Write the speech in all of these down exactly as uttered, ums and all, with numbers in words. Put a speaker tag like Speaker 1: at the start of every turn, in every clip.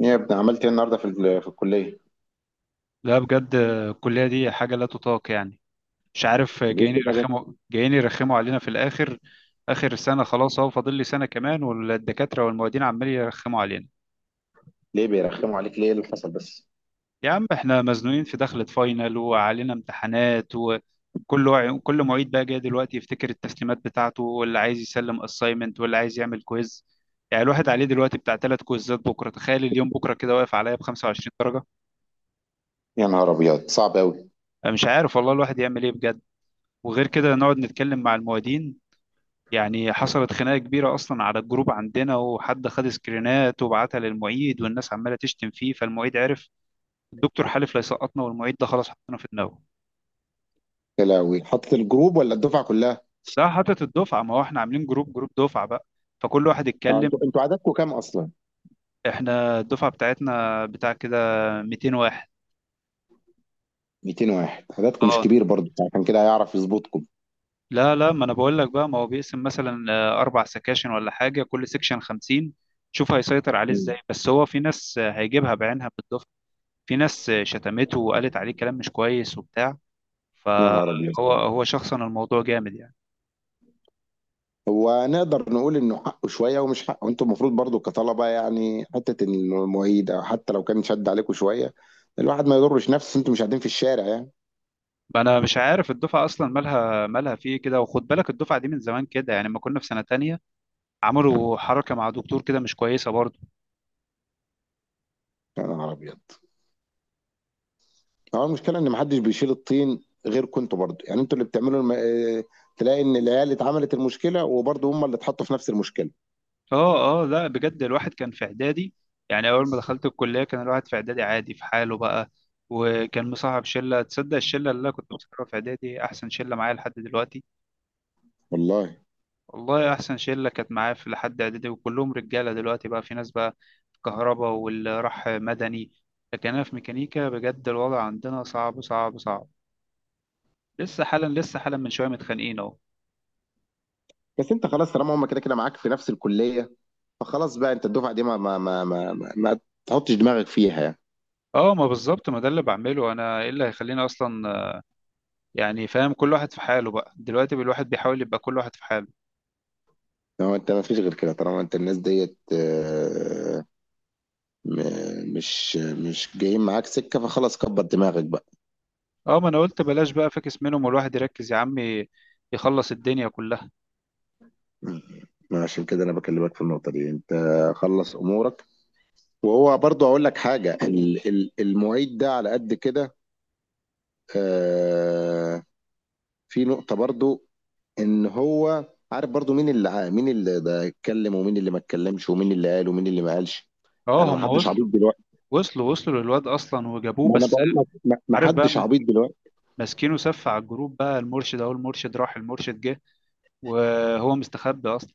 Speaker 1: ايه يا ابني عملت ايه النهارده في ال- في الكليه؟
Speaker 2: لا، بجد الكلية دي حاجة لا تطاق يعني. مش عارف،
Speaker 1: ليه
Speaker 2: جايين
Speaker 1: كده بس؟
Speaker 2: يرخموا جايين يرخموا علينا في الآخر. آخر سنة خلاص أهو، فاضل لي سنة كمان والدكاترة والمعيدين عمالين يرخموا علينا.
Speaker 1: ليه بيرخموا عليك ليه؟ إيه اللي حصل بس؟
Speaker 2: يا عم، احنا مزنوقين في دخلة فاينل وعلينا امتحانات، وكل وع- كل معيد بقى جاي دلوقتي يفتكر التسليمات بتاعته، واللي عايز يسلم أسايمنت واللي عايز يعمل كويز. يعني الواحد عليه دلوقتي بتاع ثلاث كويزات بكرة، تخيل، اليوم بكرة كده واقف عليا ب 25 درجة.
Speaker 1: يا نهار ابيض، صعب قوي.
Speaker 2: أنا مش عارف والله الواحد يعمل ايه بجد. وغير كده نقعد نتكلم مع المعيدين. يعني حصلت خناقة كبيرة أصلا على الجروب عندنا، وحد خد سكرينات وبعتها للمعيد، والناس عمالة تشتم فيه، فالمعيد عرف. الدكتور حلف لا يسقطنا، والمعيد ده خلاص حطنا في دماغه.
Speaker 1: يا لهوي، حاطط الجروب ولا الدفعه كلها؟
Speaker 2: ده حاطط الدفعة، ما هو احنا عاملين جروب جروب دفعة بقى، فكل واحد
Speaker 1: آه،
Speaker 2: اتكلم.
Speaker 1: انتوا انتوا عددكم كام اصلا؟
Speaker 2: احنا الدفعة بتاعتنا بتاع كده 200 واحد.
Speaker 1: ميتين واحد، عددكم مش
Speaker 2: اه.
Speaker 1: كبير برضه، عشان كده هيعرف يظبطكم.
Speaker 2: لا لا، ما انا بقول لك بقى، ما هو بيقسم مثلا آه، اربع سكاشن ولا حاجة، كل سكشن خمسين. شوف هيسيطر عليه ازاي،
Speaker 1: مم.
Speaker 2: بس هو في ناس آه، هيجيبها بعينها بالدفعة. في ناس آه، شتمته وقالت عليه كلام مش كويس وبتاع.
Speaker 1: يا نهار ابيض.
Speaker 2: فهو هو شخصا الموضوع جامد يعني.
Speaker 1: هو نقدر نقول انه حقه شويه ومش حقه. انتوا المفروض برضه كطلبه يعني، حته إن المعيد او حتى لو كان شد عليكم شويه، الواحد ما يضرش نفسه. انتوا مش قاعدين في الشارع يعني.
Speaker 2: انا مش عارف الدفعه اصلا مالها مالها فيه كده. وخد بالك، الدفعه دي من زمان كده يعني، لما كنا في سنه تانية عملوا حركه مع دكتور كده مش كويسه برضه.
Speaker 1: يا نهار ابيض. هو المشكله ان محدش بيشيل الطين غيركم انتوا برضه، يعني انتوا اللي بتعملوا الم... آه، تلاقي ان العيال اللي اتعملت المشكله وبرضه هم اللي اتحطوا في نفس المشكله.
Speaker 2: اه اه، لا بجد الواحد كان في اعدادي، يعني اول ما دخلت الكليه كان الواحد في اعدادي عادي في حاله بقى. وكان مصاحب شله، تصدق الشله اللي انا كنت مصاحبها في اعدادي احسن شله معايا لحد دلوقتي.
Speaker 1: والله.
Speaker 2: والله، احسن شله كانت معايا في لحد اعدادي، وكلهم رجاله دلوقتي بقى، في ناس بقى في كهرباء، واللي راح مدني. لكن انا في ميكانيكا، بجد الوضع عندنا صعب صعب صعب. لسه حالا لسه حالا من شويه متخانقين اهو.
Speaker 1: بس انت خلاص طالما هم كده كده معاك في نفس الكليه، فخلاص بقى انت الدفعه دي ما ما ما ما, ما, ما تحطش دماغك فيها يعني.
Speaker 2: اه، ما بالظبط، ما ده اللي بعمله انا. ايه اللي هيخليني اصلا يعني؟ فاهم، كل واحد في حاله بقى دلوقتي، الواحد بيحاول يبقى كل واحد في حاله.
Speaker 1: هو انت ما فيش غير كده طالما انت الناس ديت، آه، م- مش مش جايين معاك سكه، فخلاص كبر دماغك بقى.
Speaker 2: اه، ما انا قلت بلاش بقى فاكس منهم، والواحد يركز يا عمي، يخلص الدنيا كلها.
Speaker 1: ما عشان كده انا بكلمك في النقطه دي. انت خلص امورك. وهو برضو اقول لك حاجه، ال- ال- المعيد ده على قد كده. آه، في نقطه برضو، ان هو عارف برضو مين اللي ع- مين اللي ده اتكلم ومين اللي ما اتكلمش ومين اللي قال ومين اللي ما قالش.
Speaker 2: اه
Speaker 1: انا، ما
Speaker 2: هم
Speaker 1: حدش مم. عبيط
Speaker 2: وصلوا،
Speaker 1: دلوقتي.
Speaker 2: وصلوا وصلوا للواد اصلا وجابوه
Speaker 1: ما انا
Speaker 2: بس.
Speaker 1: بقول لك، ما ما
Speaker 2: عارف بقى،
Speaker 1: حدش عبيط دلوقتي.
Speaker 2: ماسكينه سف على الجروب بقى، المرشد اهو، المرشد راح المرشد جه، وهو مستخبي اصلا.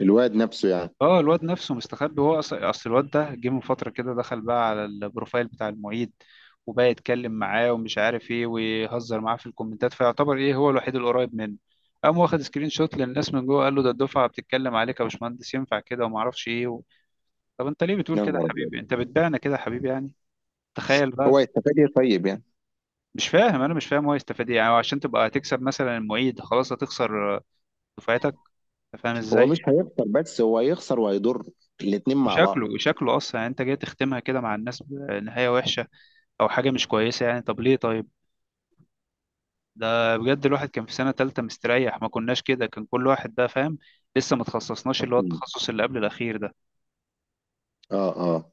Speaker 1: الواد نفسه يعني.
Speaker 2: اه الواد نفسه مستخبي، هو اصل أصل الواد ده جه من فتره كده، دخل بقى على البروفايل بتاع المعيد، وبقى يتكلم معاه ومش عارف ايه، ويهزر معاه في الكومنتات، فيعتبر ايه هو الوحيد القريب منه. قام واخد سكرين شوت للناس من جوه، قال له ده الدفعه بتتكلم عليك يا باشمهندس، ينفع كده وما اعرفش ايه و... طب انت ليه بتقول
Speaker 1: يا
Speaker 2: كده
Speaker 1: نهار
Speaker 2: يا
Speaker 1: ابيض.
Speaker 2: حبيبي؟ انت بتبيعنا كده يا حبيبي يعني. تخيل
Speaker 1: هو
Speaker 2: بقى.
Speaker 1: يستفاد ايه طيب يعني؟
Speaker 2: مش فاهم انا مش فاهم هو يستفاد ايه يعني. هو عشان تبقى هتكسب مثلا المعيد؟ خلاص هتخسر دفعتك، انت فاهم
Speaker 1: هو
Speaker 2: ازاي؟
Speaker 1: مش هيخسر، بس هو هيخسر وهيضر الاتنين مع بعض.
Speaker 2: شكله شكله اصلا يعني انت جاي تختمها كده مع الناس بنهايه وحشه او حاجه مش كويسه يعني. طب ليه طيب؟ ده بجد الواحد كان في سنه تالتة مستريح، ما كناش كده، كان كل واحد بقى فاهم. لسه ما تخصصناش، اللي هو
Speaker 1: مم.
Speaker 2: التخصص اللي قبل الاخير ده.
Speaker 1: اه اه.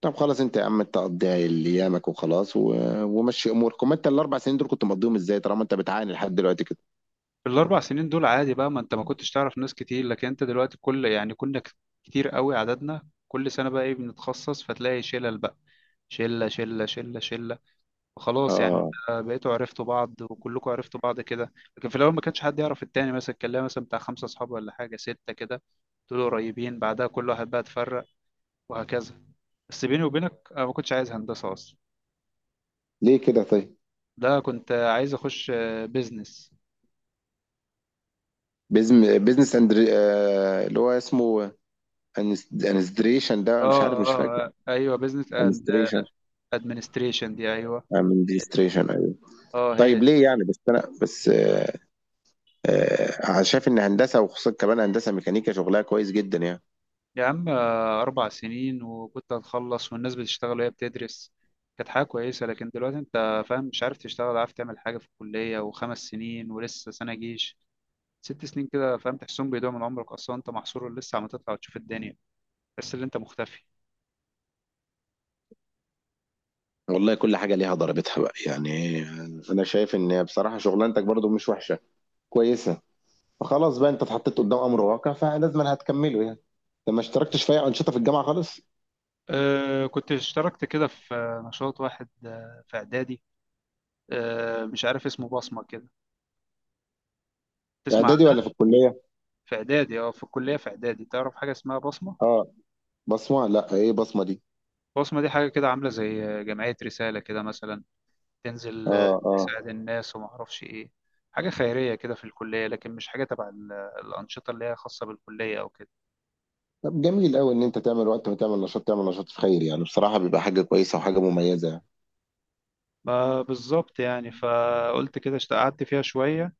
Speaker 1: طب خلاص، انت يا عم انت قضيها ايامك وخلاص و... ومشي امورك. وما انت الاربع سنين دول كنت مقضيهم ازاي طالما انت بتعاني لحد دلوقتي كده.
Speaker 2: في الاربع سنين دول عادي بقى، ما انت ما كنتش تعرف ناس كتير، لكن انت دلوقتي كل يعني كنا ك- كتير قوي عددنا. كل سنه بقى ايه، بنتخصص فتلاقي شلل بقى، شله شله شله شله، خلاص يعني.
Speaker 1: اه.
Speaker 2: انت بقيتوا عرفتوا بعض، وكلكم عرفتوا بعض كده، لكن في الاول ما كانش حد يعرف التاني، مثلا كان ليا مثلا بتاع خمسة اصحاب ولا حاجه ستة كده، دول قريبين بعدها كل واحد بقى اتفرق، وهكذا. بس بيني وبينك انا ما كنتش عايز هندسه اصلا،
Speaker 1: ليه كده طيب؟
Speaker 2: ده كنت عايز اخش بيزنس.
Speaker 1: بيزم... بيزنس اندر، آه... اللي هو اسمه أنس- انستريشن
Speaker 2: اه business.
Speaker 1: ده، مش عارف
Speaker 2: اه،
Speaker 1: مش فاكر.
Speaker 2: آه، آه، ايوه بيزنس اند
Speaker 1: انستريشن
Speaker 2: ادمنستريشن دي ايوه.
Speaker 1: انستريشن ايوه.
Speaker 2: اه هي.
Speaker 1: طيب ليه يعني؟ بس انا بس آه... آه... أنا شايف ان هندسه، وخصوصا كمان هندسه ميكانيكا، شغلها كويس جدا يعني.
Speaker 2: يا عم، آه، أربع سنين وكنت هتخلص، والناس بتشتغل وهي بتدرس. كانت حاجة كويسة. لكن دلوقتي أنت فاهم، مش عارف تشتغل، ولا عارف تعمل حاجة في الكلية، وخمس سنين ولسه سنة جيش، ست سنين كده فاهم، تحسهم بيضيعوا من عمرك أصلا. أنت محصور، لسه عم تطلع وتشوف الدنيا، بس اللي أنت مختفي.
Speaker 1: والله، كل حاجه ليها ضربتها بقى يعني. انا شايف ان بصراحه شغلانتك برضو مش وحشه، كويسه. فخلاص بقى انت اتحطيت قدام امر واقع فلازم انا هتكمله يعني. انت ما اشتركتش في اي انشطه في الجامعه خالص؟
Speaker 2: أه كنت اشتركت كده في آه، نشاط واحد آه، في إعدادي. أه مش عارف اسمه، بصمة كده، تسمع
Speaker 1: اعدادي ولا
Speaker 2: عنه؟
Speaker 1: في الكليه؟
Speaker 2: في إعدادي، أه في الكلية في إعدادي، تعرف حاجة اسمها بصمة؟
Speaker 1: اه. بصمه؟ لا، ايه بصمه دي؟
Speaker 2: بصمة دي حاجة كده عاملة زي آه، جمعية رسالة كده مثلا، تنزل آه،
Speaker 1: اه اه.
Speaker 2: تساعد الناس وما اعرفش ايه، حاجة خيرية كده في الكلية، لكن مش حاجة تبع ال- الأنشطة اللي هي خاصة بالكلية أو كده.
Speaker 1: طب جميل قوي ان انت تعمل وقت وتعمل نشاط، تعمل نشاط في خير يعني، بصراحه بيبقى حاجه كويسه وحاجه مميزه يعني.
Speaker 2: ما بالظبط يعني، فقلت كده اشت- قعدت فيها شوية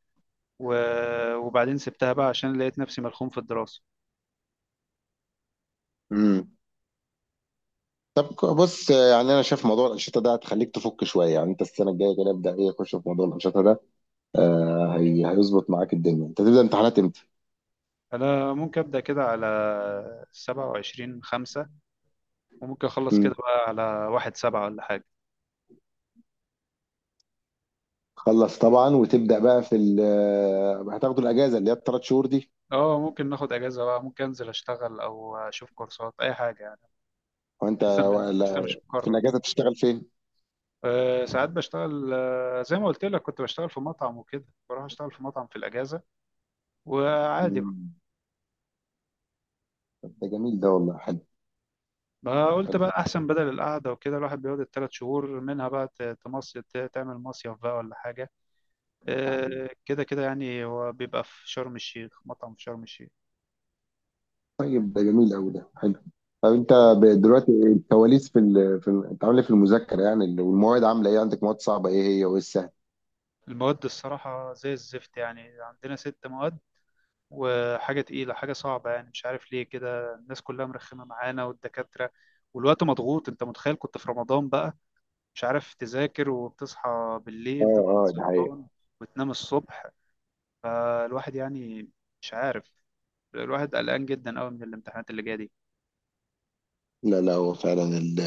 Speaker 2: و- وبعدين سبتها بقى، عشان لقيت نفسي ملخوم في الدراسة.
Speaker 1: امم. طب ك- بص، آه، يعني انا شايف موضوع الانشطه ده هتخليك تفك شويه يعني. انت السنه الجايه كده ابدا ايه، خش في موضوع الانشطه ده. آه هي هيظبط معاك الدنيا. انت تبدا امتحانات امتى؟
Speaker 2: أنا ممكن أبدأ كده على سبعة وعشرين خمسة، وممكن أخلص كده
Speaker 1: امم.
Speaker 2: بقى على واحد سبعة ولا حاجة.
Speaker 1: خلص طبعا، وتبدا بقى في ال- آه، هتاخدوا الاجازه اللي هي الثلاث شهور دي.
Speaker 2: اه ممكن ناخد اجازه بقى، ممكن انزل اشتغل او اشوف كورسات اي حاجه يعني.
Speaker 1: وانت
Speaker 2: لسه لسه
Speaker 1: ولا-
Speaker 2: مش
Speaker 1: في
Speaker 2: مقرر.
Speaker 1: الاجازه بتشتغل فين؟
Speaker 2: أه ساعات بشتغل، أه زي ما قلت لك كنت بشتغل في مطعم وكده، بروح اشتغل في مطعم في الاجازه، وعادي بقى.
Speaker 1: مم. طب ده جميل، ده والله حلو.
Speaker 2: ما قلت
Speaker 1: حلو.
Speaker 2: بقى احسن بدل القعده وكده، الواحد بيقعد الثلاث شهور منها بقى ت- تمصيف ت- تعمل مصيف بقى ولا حاجه. أه كده كده يعني، هو بيبقى في شرم الشيخ، مطعم في شرم الشيخ.
Speaker 1: طيب ده جميل قوي، ده حلو. طب انت، ب- دلوقتي، الكواليس في ال... في ال... انت عامل ايه في المذاكره يعني؟ ال- والمواد عامله ايه عندك؟ مواد صعبه ايه هي وايه السهل؟
Speaker 2: المواد الصراحه زي الزفت يعني، عندنا ست مواد وحاجه تقيله حاجه صعبه يعني. مش عارف ليه كده الناس كلها مرخمه معانا، والدكاتره والوقت مضغوط. انت متخيل كنت في رمضان بقى، مش عارف تذاكر، وبتصحى بالليل
Speaker 1: اه
Speaker 2: تفضل
Speaker 1: اه، ده حقيقة.
Speaker 2: سهران وتنام الصبح. فالواحد يعني مش عارف، الواحد قلقان جدا قوي من الامتحانات اللي جايه دي.
Speaker 1: لا لا، هو فعلا ال-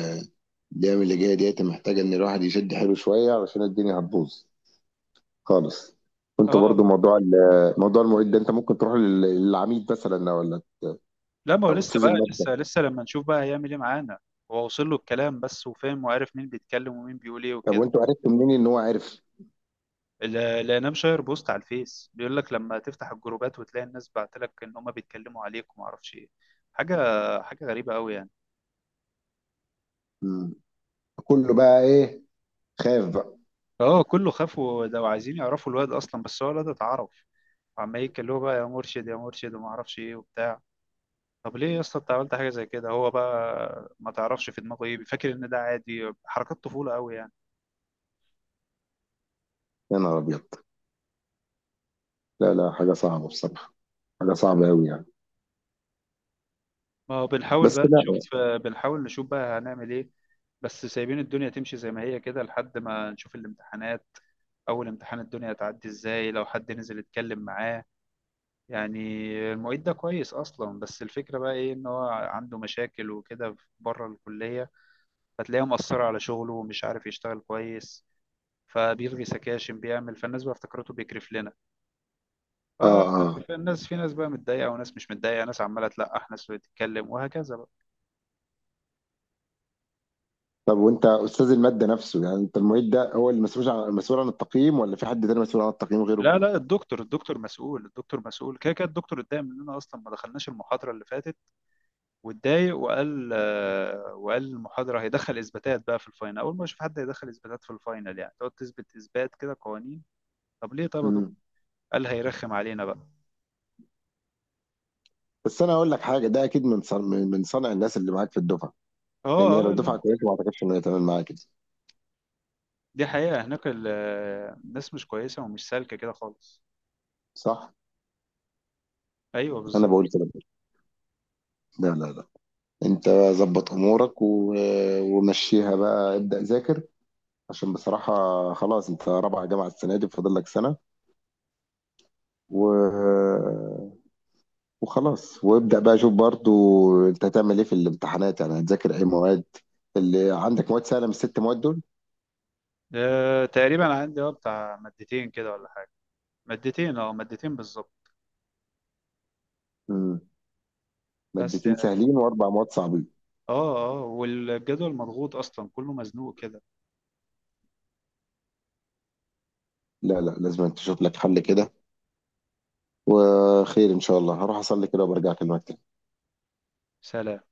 Speaker 1: الايام اللي جايه ديت محتاجه ان الواحد يشد حيله شويه علشان الدنيا هتبوظ خالص. وانت برضو
Speaker 2: اه
Speaker 1: موضوع ال- موضوع المعيد ده، انت ممكن تروح لل- للعميد مثلا، ولا
Speaker 2: لا، ما هو
Speaker 1: او
Speaker 2: لسه
Speaker 1: استاذ
Speaker 2: بقى،
Speaker 1: الماده؟
Speaker 2: لسه لسه لما نشوف بقى هيعمل ايه معانا. هو وصل له الكلام بس، وفاهم وعارف مين بيتكلم ومين بيقول ايه
Speaker 1: طب
Speaker 2: وكده.
Speaker 1: وانتوا عرفتوا منين ان هو عارف؟
Speaker 2: لا لا، انا مشاير بوست على الفيس بيقول لك لما تفتح الجروبات وتلاقي الناس بعتلك ان هم بيتكلموا عليك وما اعرفش ايه حاجه حاجه غريبه قوي يعني.
Speaker 1: مم. كله بقى ايه، خاف بقى.
Speaker 2: اه كله خاف، وده وعايزين يعرفوا الواد اصلا، بس هو الواد اتعرف، وعمال يتكلموا بقى يا مرشد يا مرشد وما اعرفش ايه وبتاع. طب ليه يا اسطى انت عملت حاجه زي كده؟ هو بقى ما تعرفش في دماغه ايه بيفكر، ان ده عادي، حركات طفوله قوي يعني.
Speaker 1: يا نهار ابيض. لا لا، حاجه صعبه بصراحه. حاجه صعبه قوي يعني.
Speaker 2: ما هو بنحاول
Speaker 1: بس
Speaker 2: بقى
Speaker 1: لا.
Speaker 2: نشوف، بنحاول نشوف بقى هنعمل ايه. بس سايبين الدنيا تمشي زي ما هي كده لحد ما نشوف الامتحانات. اول امتحان الدنيا هتعدي ازاي لو حد نزل يتكلم معاه يعني؟ المعيد ده كويس اصلا، بس الفكره بقى ايه، ان هو عنده مشاكل وكده بره الكليه، فتلاقيه مأثره على شغله ومش عارف يشتغل كويس، فبيلغي سكاشن بيعمل، فالناس بقى افتكرته بيكرف لنا. ف-
Speaker 1: اه اه.
Speaker 2: فالناس في ناس بقى متضايقه وناس مش متضايقه، ناس عماله تلقح، ناس بتتكلم، وهكذا بقى.
Speaker 1: طب وانت استاذ الماده نفسه يعني، انت المعيد ده هو اللي مسؤول عن مسؤول عن التقييم ولا في حد تاني مسؤول عن التقييم غيره؟
Speaker 2: لا لا، الدكتور الدكتور مسؤول، الدكتور مسؤول كده كده. الدكتور اتضايق مننا اصلا، ما دخلناش المحاضره اللي فاتت، واتضايق وقال آه، وقال المحاضره هيدخل اثباتات بقى في الفاينل. اول ما اشوف حد هيدخل اثباتات في الفاينل، يعني تقعد تثبت اثبات كده قوانين؟ طب ليه طب يا دكتور؟
Speaker 1: امم.
Speaker 2: قال هيرخم علينا بقى.
Speaker 1: بس انا اقول لك حاجه، ده اكيد من صنع من من صنع الناس اللي معاك في الدفعه،
Speaker 2: اه
Speaker 1: لان هي لو
Speaker 2: اه لا،
Speaker 1: دفعه كويسه ما اعتقدش ان هي تعمل معاك كده.
Speaker 2: دي حقيقه. هناك ال- آه، الناس مش كويسه ومش سالكه كده خالص.
Speaker 1: صح؟
Speaker 2: ايوه
Speaker 1: انا
Speaker 2: بالظبط.
Speaker 1: بقول كده برضه. لا لا لا، انت ظبط امورك و... ومشيها بقى، ابدا ذاكر، عشان بصراحه خلاص انت رابعه جامعه السنه دي، فاضل لك سنه و... وخلاص، وابدأ بقى. شوف برضو انت هتعمل ايه في الامتحانات، يعني هتذاكر ايه مواد، اللي عندك مواد سهلة من الست مواد دول.
Speaker 2: أه تقريبا عندي اه بتاع مادتين كده ولا حاجة. مادتين اه مادتين بالظبط
Speaker 1: مم.
Speaker 2: بس.
Speaker 1: مادتين سهلين واربع مواد صعبين.
Speaker 2: اه اه، والجدول مضغوط اصلا، كله مزنوق كده.
Speaker 1: لا لا، لازم تشوف لك حل كده. وخير ان شاء الله، هروح اصلي كده وبرجع اكلمك تاني.
Speaker 2: سلام.